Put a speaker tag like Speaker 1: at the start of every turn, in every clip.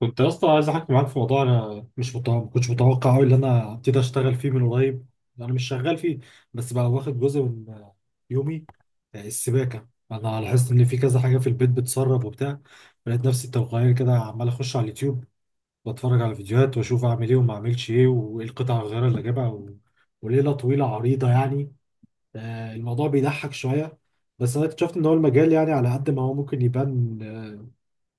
Speaker 1: كنت يا اسطى عايز احكي معاك في موضوع، انا مش متوقع ما كنتش متوقع قوي ان انا هبتدي اشتغل فيه من قريب. انا مش شغال فيه، بس بقى واخد جزء من يومي. السباكه، انا لاحظت ان في كذا حاجه في البيت بتسرب وبتاع. لقيت نفسي تلقائيا كده عمال اخش على اليوتيوب، بتفرج على فيديوهات واشوف اعمل ايه وما اعملش ايه وايه القطع الغيار اللي اجيبها وليله طويله عريضه يعني. الموضوع بيضحك شويه. بس انا اكتشفت ان هو المجال، يعني على قد ما هو ممكن يبان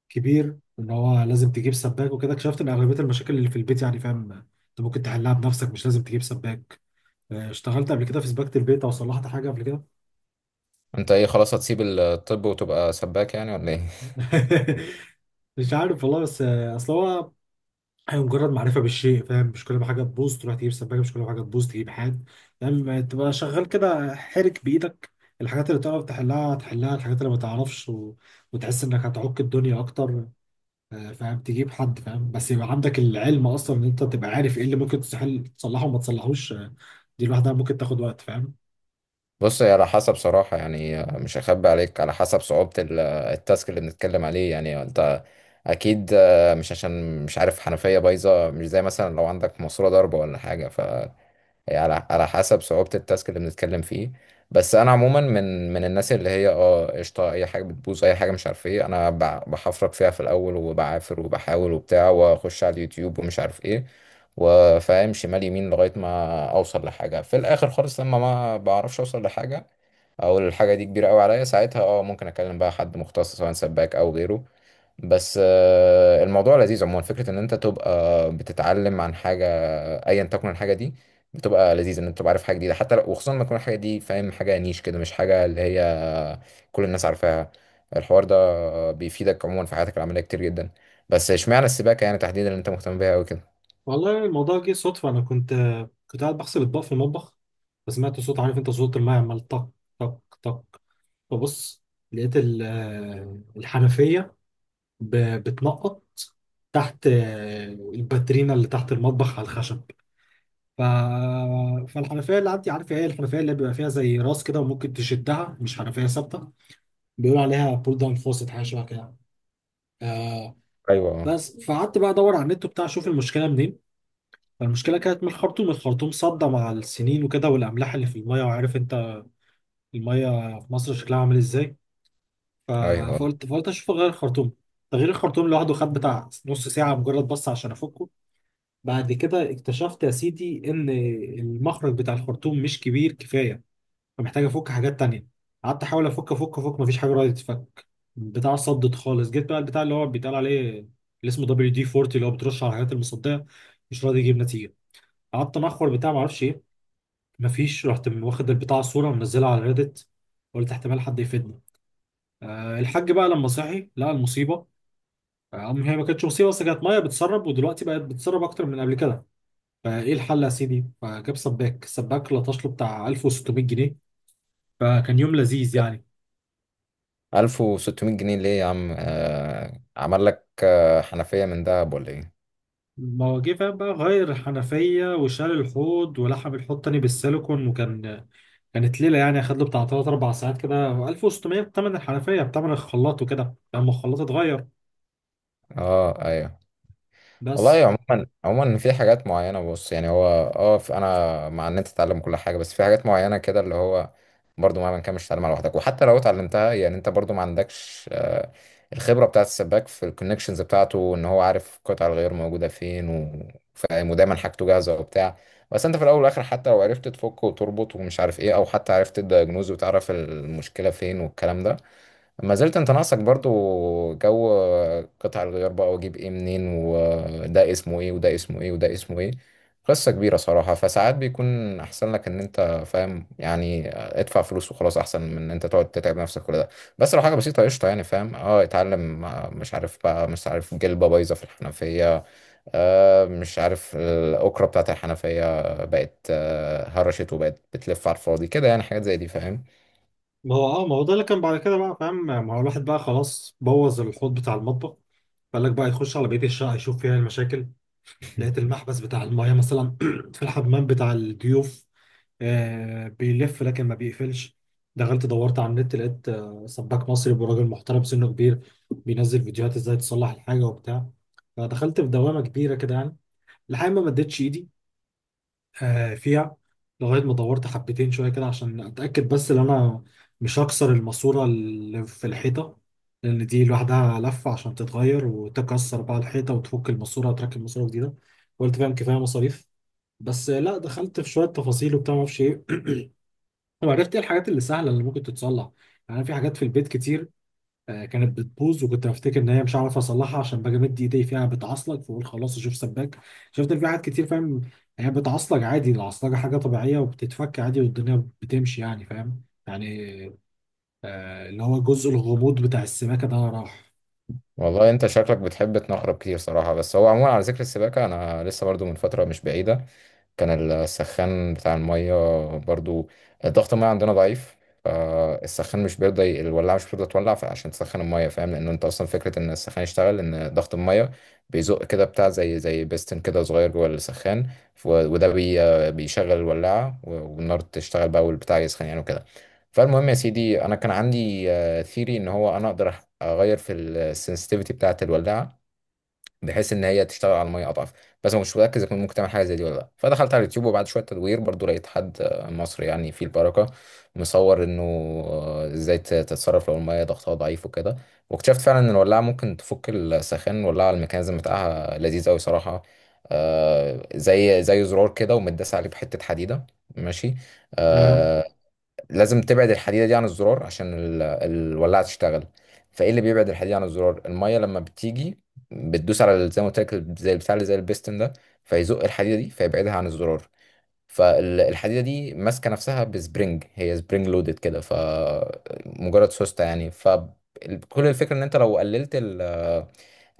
Speaker 1: كبير ان هو لازم تجيب سباك وكده، اكتشفت ان اغلبيه المشاكل اللي في البيت يعني، فاهم، انت ممكن تحلها بنفسك، مش لازم تجيب سباك. اشتغلت قبل كده في سباكه البيت او صلحت حاجه قبل كده؟
Speaker 2: انت ايه خلاص هتسيب الطب وتبقى سباك يعني ولا ايه؟
Speaker 1: مش عارف والله، بس اصل هو، هي مجرد معرفه بالشيء، فاهم، مش كل ما حاجه تبوظ تروح تجيب سباكه، مش كل ما حاجه تبوظ تجيب حاد. يعني ما تبقى شغال كده، حرك بايدك، الحاجات اللي تعرف تحلها تحلها، الحاجات اللي ما تعرفش وتحس انك هتعك الدنيا اكتر، فاهم، تجيب حد فاهم، بس يبقى عندك العلم اصلا ان انت تبقى عارف ايه اللي ممكن تستحيل تصلحه وما تصلحوش. دي لوحدها ممكن تاخد وقت، فاهم.
Speaker 2: بص، هي على حسب صراحة، يعني مش هخبي عليك، على حسب صعوبة التاسك اللي بنتكلم عليه. يعني انت اكيد، مش عشان مش عارف حنفية بايظة مش زي مثلا لو عندك ماسورة ضربة ولا حاجة. هي على حسب صعوبة التاسك اللي بنتكلم فيه. بس انا عموما من الناس اللي هي قشطة، اي حاجة بتبوظ اي حاجة مش عارف ايه، انا بحفرك فيها في الاول وبعافر وبحاول وبتاع، واخش على اليوتيوب ومش عارف ايه، وفاهم شمال يمين لغاية ما اوصل لحاجة في الاخر خالص. لما ما بعرفش اوصل لحاجة او الحاجة دي كبيرة قوي عليا، ساعتها ممكن اكلم بقى حد مختص، سواء سباك او غيره. بس الموضوع لذيذ عموما، فكرة ان انت تبقى بتتعلم عن حاجة ايا تكن الحاجه دي. بتبقى لذيذه ان انت تبقى عارف حاجه جديده، حتى لو وخصوصا لما تكون الحاجه دي فاهم حاجه نيش كده، مش حاجه اللي هي كل الناس عارفاها. الحوار ده بيفيدك عموما في حياتك العمليه كتير جدا. بس اشمعنى السباكه يعني تحديدا اللي انت مهتم بيها قوي كده؟
Speaker 1: والله الموضوع جه صدفه، انا كنت قاعد بغسل اطباق في المطبخ، فسمعت صوت، عارف انت، صوت الماء عمال طق طق طق. فبص، لقيت الحنفيه بتنقط تحت الباترينا اللي تحت المطبخ على الخشب. ف... فالحنفيه اللي عندي، عارف ايه، الحنفيه اللي بيبقى فيها زي راس كده وممكن تشدها، مش حنفيه ثابته، بيقولوا عليها بول داون فوست، حاجه شبه كده. آه.
Speaker 2: ايوه.
Speaker 1: بس فقعدت بقى ادور على النت وبتاع اشوف المشكله منين. فالمشكله كانت من الخرطوم، الخرطوم صدى مع السنين وكده، والاملاح اللي في الميه، وعارف انت الميه في مصر شكلها عامل ازاي. ف-
Speaker 2: ايوه.
Speaker 1: فقلت اشوف غير الخرطوم. تغيير الخرطوم لوحده خد بتاع نص ساعه مجرد بس عشان افكه. بعد كده اكتشفت يا سيدي ان المخرج بتاع الخرطوم مش كبير كفايه، فمحتاج افك حاجات تانية. قعدت احاول افك افك افك، مفيش حاجه راضيه تتفك، البتاع صدت خالص. جيت بقى البتاع اللي هو بيتقال عليه، اللي اسمه دبليو دي 40، اللي هو بترش على الحاجات المصديه، مش راضي يجيب نتيجه. قعدت انخر بتاع معرفش ايه، مفيش، رحت من واخد البتاع صوره منزلها على ريدت، قلت احتمال حد يفيدنا. أه الحاج بقى لما صحي لقى المصيبه. آه، أم هي ما كانتش مصيبه، بس كانت ميه بتسرب، ودلوقتي بقت بتسرب اكتر من قبل كده. فايه الحل يا سيدي؟ فجاب سباك، السباك لطش له بتاع 1600 جنيه. فكان يوم لذيذ يعني.
Speaker 2: 1600 جنيه ليه يا عم؟ عمل لك حنفيه من دهب ولا ايه؟
Speaker 1: ما هو جه فاهم بقى، غير الحنفية وشال الحوض ولحم الحوض تاني بالسيليكون، وكان كانت ليلة يعني، خد له بتاع تلات أربع ساعات كده. 1600 بتمن الحنفية بتمن الخلاط وكده لما الخلاط اتغير،
Speaker 2: اه، ايوه. والله،
Speaker 1: بس.
Speaker 2: عموما في حاجات معينة، بص يعني هو، اه انا مع ان انت تتعلم كل حاجة، بس في حاجات معينة كده اللي هو برضو مهما كان مش هتتعلمها لوحدك. وحتى لو اتعلمتها يعني، انت برضو ما عندكش الخبرة بتاعة السباك في الكونكشنز بتاعته، ان هو عارف قطع الغيار موجودة فين فاهم، ودايما حاجته جاهزة وبتاع. بس انت في الاول والاخر، حتى لو عرفت تفك وتربط ومش عارف ايه، او حتى عرفت الدايجنوز وتعرف المشكلة فين والكلام ده، ما زلت انت ناقصك برضو جو قطع الغيار بقى، واجيب ايه منين، وده اسمه ايه وده اسمه ايه وده اسمه ايه. قصة كبيرة صراحة. فساعات بيكون احسن لك ان انت فاهم، يعني ادفع فلوس وخلاص، احسن من ان انت تقعد تتعب نفسك كل ده. بس لو حاجة بسيطة قشطة، يعني فاهم، اتعلم. مش عارف بقى، مش عارف جلبة بايظة في الحنفية، مش عارف الأكرة بتاعت الحنفية بقت هرشت وبقت بتلف على الفاضي كده، يعني حاجات زي دي فاهم.
Speaker 1: ما هو ده اللي كان بعد كده بقى، فاهم، ما هو الواحد بقى خلاص بوظ الحوض بتاع المطبخ، فقال لك بقى يخش على بقية الشقة يشوف فيها المشاكل. لقيت المحبس بتاع المايه مثلا في الحمام بتاع الضيوف، بيلف لكن ما بيقفلش. دخلت دورت على النت، لقيت سباك مصري وراجل محترم سنه كبير بينزل فيديوهات ازاي تصلح الحاجه وبتاع. فدخلت في دوامه كبيره كده يعني، لحد ما مديتش ايدي فيها، لغايه ما دورت حبتين شويه كده عشان اتاكد بس ان انا مش هكسر الماسوره اللي في الحيطه، لان دي لوحدها لفه، عشان تتغير وتكسر بقى الحيطه وتفك الماسوره وتركب ماسوره جديده، قلت فاهم كفايه مصاريف. بس لا، دخلت في شويه تفاصيل وبتاع ما اعرفش ايه، وعرفت ايه الحاجات اللي سهله اللي ممكن تتصلح. يعني في حاجات في البيت كتير كانت بتبوظ، وكنت بفتكر ان هي مش هعرف اصلحها عشان باجي امد ايدي فيها بتعصلك، فاقول خلاص اشوف سباك. شفت إن في حاجات كتير، فاهم، هي بتعصلك عادي، العصلجه حاجه طبيعيه وبتتفك عادي والدنيا بتمشي يعني، فاهم يعني، اللي هو جزء الغموض بتاع السماكه ده راح.
Speaker 2: والله، انت شكلك بتحب تنخرب كتير صراحة. بس هو عموما، على ذكر السباكة، انا لسه برضو من فترة مش بعيدة كان السخان بتاع المية، برضو ضغط المية عندنا ضعيف، فالسخان مش بيرضى، الولاعة مش بترضى تولع عشان تسخن المية. فاهم، لأن أنت أصلا فكرة إن السخان يشتغل إن ضغط المية بيزق كده بتاع، زي بيستن كده صغير جوه السخان. وده بيشغل الولاعة، والنار تشتغل بقى والبتاع يسخن يعني وكده. فالمهم يا سيدي، أنا كان عندي ثيري إن هو أنا أقدر أغير في السنسيتيفيتي بتاعة الولاعة، بحيث ان هي تشتغل على الميه اضعف. بس ما كنتش متاكد اذا كنت ممكن تعمل حاجه زي دي ولا لا. فدخلت على اليوتيوب، وبعد شويه تدوير برضو لقيت حد مصري يعني في البركه، مصور انه ازاي تتصرف لو الميه ضغطها ضعيف وكده. واكتشفت فعلا ان الولاعه ممكن تفك السخان، والولاعه الميكانيزم بتاعها لذيذ قوي صراحه. زي زرار كده ومتداس عليه بحته حديده. ماشي.
Speaker 1: تمام.
Speaker 2: آه، لازم تبعد الحديدة دي عن الزرار عشان الولاعة تشتغل. فايه اللي بيبعد الحديدة عن الزرار؟ المية، لما بتيجي بتدوس على زي ما قلت لك، زي البتاع اللي زي البيستن ده، فيزق الحديدة دي فيبعدها عن الزرار. فالحديدة دي ماسكة نفسها بسبرينج، هي سبرينج لودد كده، فمجرد سوستة يعني. فكل الفكرة ان انت لو قللت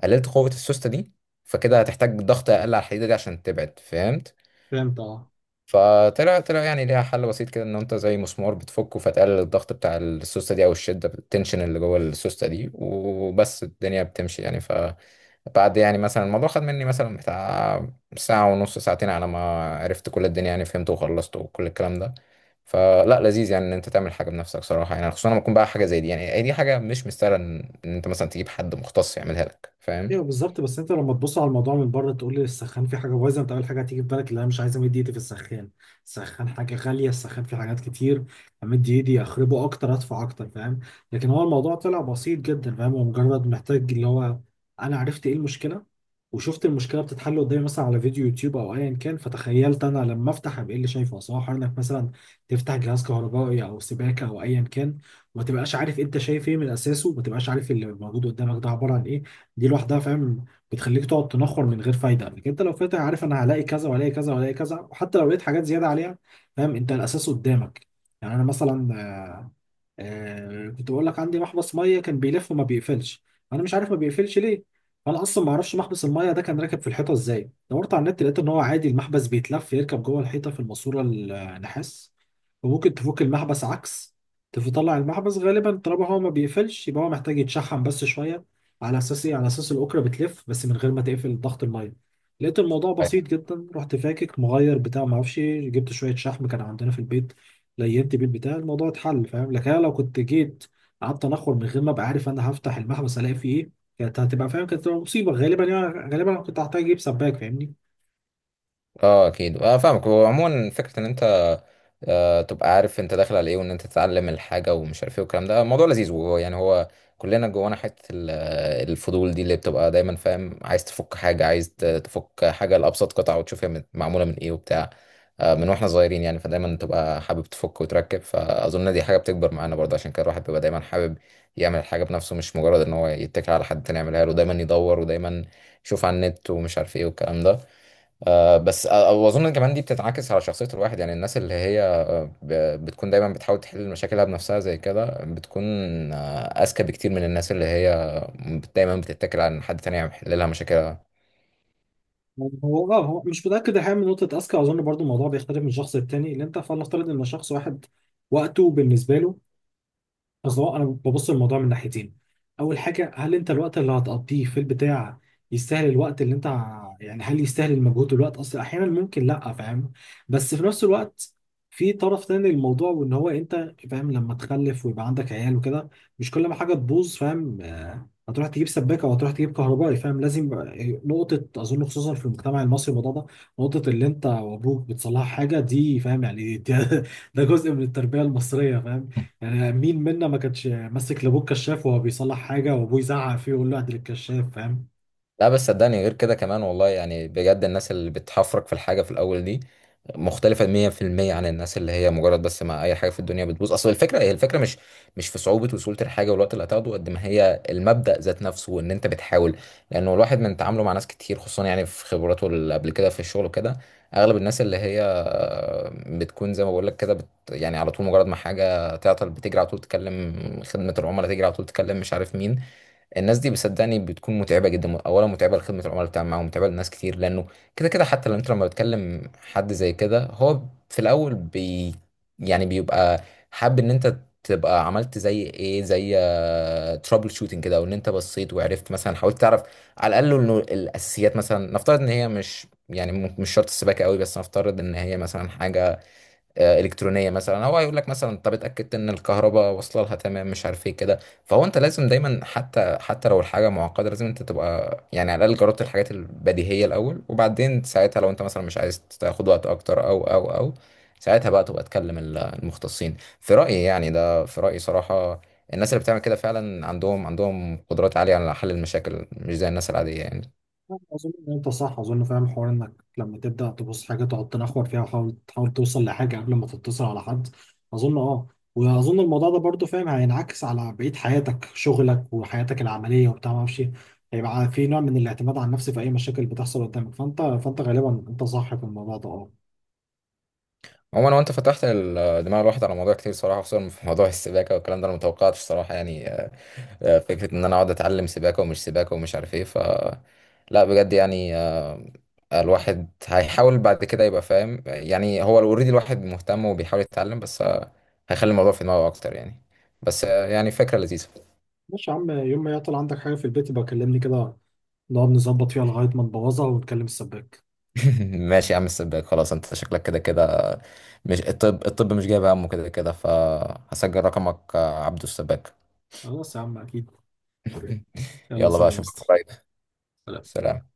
Speaker 2: قللت قوة السوستة دي، فكده هتحتاج ضغط اقل على الحديدة دي عشان تبعد، فهمت؟
Speaker 1: فهمت اه.
Speaker 2: فطلع يعني ليها حل بسيط كده، ان انت زي مسمار بتفكه، فتقلل الضغط بتاع السوسته دي او الشده، التنشن اللي جوه السوسته دي، وبس الدنيا بتمشي يعني. ف بعد، يعني مثلا، الموضوع خد مني مثلا بتاع ساعة ونص، ساعتين على ما عرفت كل الدنيا يعني، فهمت وخلصت وكل الكلام ده. فلا، لذيذ يعني ان انت تعمل حاجة بنفسك صراحة، يعني خصوصا لما تكون بقى حاجة زي دي. يعني هي دي حاجة مش مستاهلة ان إن انت مثلا تجيب حد مختص يعملها لك، فاهم.
Speaker 1: ايوه بالظبط، بس انت لما تبص على الموضوع من بره، تقول لي السخان فيه حاجه بايظه، انت اول حاجه هتيجي في بالك اللي انا مش عايز امد ايدي في السخان. السخان حاجه غاليه، السخان فيه حاجات كتير، امد ايدي اخربه اكتر، ادفع اكتر، فاهم. لكن هو الموضوع طلع بسيط جدا، فاهم، هو مجرد محتاج اللي هو، انا عرفت ايه المشكله وشفت المشكله بتتحل قدامي مثلا على فيديو يوتيوب او ايا كان. فتخيلت انا لما افتح ابقى إيه اللي شايفه، سواء انك مثلا تفتح جهاز كهربائي او سباكه او ايا كان، وما تبقاش عارف انت شايف ايه من اساسه، وما تبقاش عارف اللي موجود قدامك ده عباره عن ايه. دي لوحدها، فاهم، بتخليك تقعد تنخر من غير فايده. لكن انت لو فاتح عارف انا هلاقي كذا وهلاقي كذا وهلاقي كذا، وحتى لو لقيت حاجات زياده عليها، فاهم، انت الاساس قدامك. يعني انا مثلا، كنت بقول لك عندي محبس ميه كان بيلف وما بيقفلش، انا مش عارف ما بيقفلش ليه. فانا اصلا ما اعرفش محبس الميه ده كان راكب في الحيطه ازاي. دورت على النت لقيت ان هو عادي، المحبس بيتلف يركب جوه الحيطه في الماسوره النحاس، وممكن تفك المحبس عكس، تطلع المحبس. غالبا طالما هو ما بيقفلش يبقى هو محتاج يتشحم بس شويه. على اساس ايه؟ على اساس الاكره بتلف بس من غير ما تقفل ضغط الميه. لقيت الموضوع
Speaker 2: أيوة.
Speaker 1: بسيط جدا، رحت فاكك مغير بتاع ما اعرفش إيه، جبت شويه شحم كان عندنا في البيت، لينت بيه البتاع، الموضوع اتحل، فاهم. لكن انا لو كنت جيت قعدت انخر من غير ما ابقى عارف انا هفتح المحبس الاقي فيه ايه، كانت هتبقى، فاهم، كانت هتبقى مصيبه غالبا يعني. غالبا انا كنت هحتاج اجيب سباك، فاهمني.
Speaker 2: اه، اكيد، اه فاهمك. وعموما فكره ان انت تبقى عارف انت داخل على ايه، وان انت تتعلم الحاجه ومش عارف ايه والكلام ده. الموضوع لذيذ. وهو يعني هو، كلنا جوانا حته الفضول دي، اللي بتبقى دايما فاهم، عايز تفك حاجه، عايز تفك حاجه لابسط قطعه، وتشوف هي معموله من ايه وبتاع. من واحنا صغيرين يعني، فدايما تبقى حابب تفك وتركب. فاظن دي حاجه بتكبر معانا برضه. عشان كده الواحد بيبقى دايما حابب يعمل الحاجه بنفسه، مش مجرد ان هو يتكل على حد تاني يعملها له، دايما يدور ودايما يشوف على النت ومش عارف ايه والكلام ده. بس واظن كمان دي بتتعكس على شخصيه الواحد. يعني الناس اللي هي بتكون دايما بتحاول تحل مشاكلها بنفسها زي كده، بتكون أذكى بكتير من الناس اللي هي دايما بتتكل على إن حد تاني يحل لها مشاكلها.
Speaker 1: هو مش متاكد الحقيقه من نقطه اذكى، اظن برضو الموضوع بيختلف من شخص للتاني، اللي انت فلنفترض ان شخص واحد، وقته بالنسبه له، اصل هو انا ببص للموضوع من ناحيتين. اول حاجه، هل انت الوقت اللي هتقضيه في البتاع يستاهل الوقت اللي انت يعني هل يستاهل المجهود والوقت، اصل احيانا ممكن لا، فاهم. بس في نفس الوقت، في طرف تاني للموضوع، وان هو انت فاهم لما تخلف ويبقى عندك عيال وكده، مش كل ما حاجه تبوظ، فاهم، هتروح تجيب سباكه وهتروح تجيب كهربائي، فاهم، لازم، نقطه اظن خصوصا في المجتمع المصري الموضوع ده، نقطه اللي انت وابوك بتصلح حاجه دي، فاهم، يعني دي ده جزء من التربيه المصريه، فاهم. يعني مين منا ما كانش ماسك لابوه الكشاف وهو بيصلح حاجه وابوه يزعق فيه ويقول له ادي الكشاف، فاهم.
Speaker 2: لا بس صدقني غير كده كمان والله، يعني بجد، الناس اللي بتحفرك في الحاجة في الأول دي مختلفة 100% عن الناس اللي هي مجرد بس مع أي حاجة في الدنيا بتبوظ. أصل الفكرة، هي الفكرة مش في صعوبة وسهولة الحاجة والوقت اللي هتاخده، قد ما هي المبدأ ذات نفسه وإن أنت بتحاول. لأنه الواحد من تعامله مع ناس كتير، خصوصا يعني في خبراته اللي قبل كده في الشغل وكده، أغلب الناس اللي هي بتكون زي ما بقول لك كده، يعني على طول مجرد ما حاجة تعطل بتجري على طول تكلم خدمة العملاء، تجري على طول تكلم مش عارف مين. الناس دي بصدقني بتكون متعبه جدا. اولا متعبه لخدمه العملاء بتاعهم معاهم، متعبه لناس كتير، لانه كده كده حتى لو انت لما بتكلم حد زي كده، هو في الاول يعني بيبقى حابب ان انت تبقى عملت زي ايه، زي ترابل شوتنج كده، وان انت بصيت وعرفت، مثلا حاولت تعرف على الاقل انه الاساسيات. مثلا نفترض ان هي مش يعني مش شرط السباكه قوي، بس نفترض ان هي مثلا حاجه الكترونيه مثلا، هو هيقول لك مثلا، طب اتاكدت ان الكهرباء واصله لها تمام، مش عارف ايه كده. فهو انت لازم دايما، حتى لو الحاجه معقده، لازم انت تبقى يعني على الاقل جربت الحاجات البديهيه الاول. وبعدين ساعتها لو انت مثلا مش عايز تاخد وقت اكتر او او او ساعتها بقى تبقى تكلم المختصين، في رايي يعني. ده في رايي صراحه. الناس اللي بتعمل كده فعلا عندهم، عندهم قدرات عاليه على حل المشاكل، مش زي الناس العاديه يعني.
Speaker 1: اظن ان انت صح، اظن فاهم حوار انك لما تبدا تبص حاجه تقعد تنخور فيها، وتحاول تحاول توصل لحاجه قبل ما تتصل على حد، اظن اه. واظن الموضوع ده برضو فاهم هينعكس على بقيه حياتك، شغلك وحياتك العمليه وبتاع ما اعرفش إيه. هيبقى في نوع من الاعتماد على النفس في اي مشاكل بتحصل قدامك، فانت غالبا انت صح في الموضوع ده، اه.
Speaker 2: عموما، وانت فتحت دماغ الواحد على موضوع كتير صراحه، خصوصا في موضوع السباكه والكلام ده. انا متوقعتش صراحه يعني فكرة إن أنا أقعد أتعلم سباكة ومش سباكة ومش عارف إيه ف. لا، بجد يعني. الواحد هيحاول بعد كده يبقى فاهم. يعني هو اوريدي الواحد مهتم وبيحاول يتعلم، بس هيخلي الموضوع في دماغه أكتر يعني. بس يعني فكرة لذيذة.
Speaker 1: ماشي يا عم، يوم ما يعطل عندك حاجة في البيت يبقى كلمني كده، نقعد نظبط فيها لغاية ما نبوظها ونكلم السباك.
Speaker 2: ماشي يا عم السباك، خلاص أنت شكلك كده كده مش الطب، الطب مش جايب همه كده كده، فهسجل رقمك، عبدو السباك.
Speaker 1: خلاص يا عم، أكيد. يلا
Speaker 2: يلا بقى
Speaker 1: سلام يا
Speaker 2: أشوفك
Speaker 1: اسطى.
Speaker 2: قريب.
Speaker 1: سلام.
Speaker 2: سلام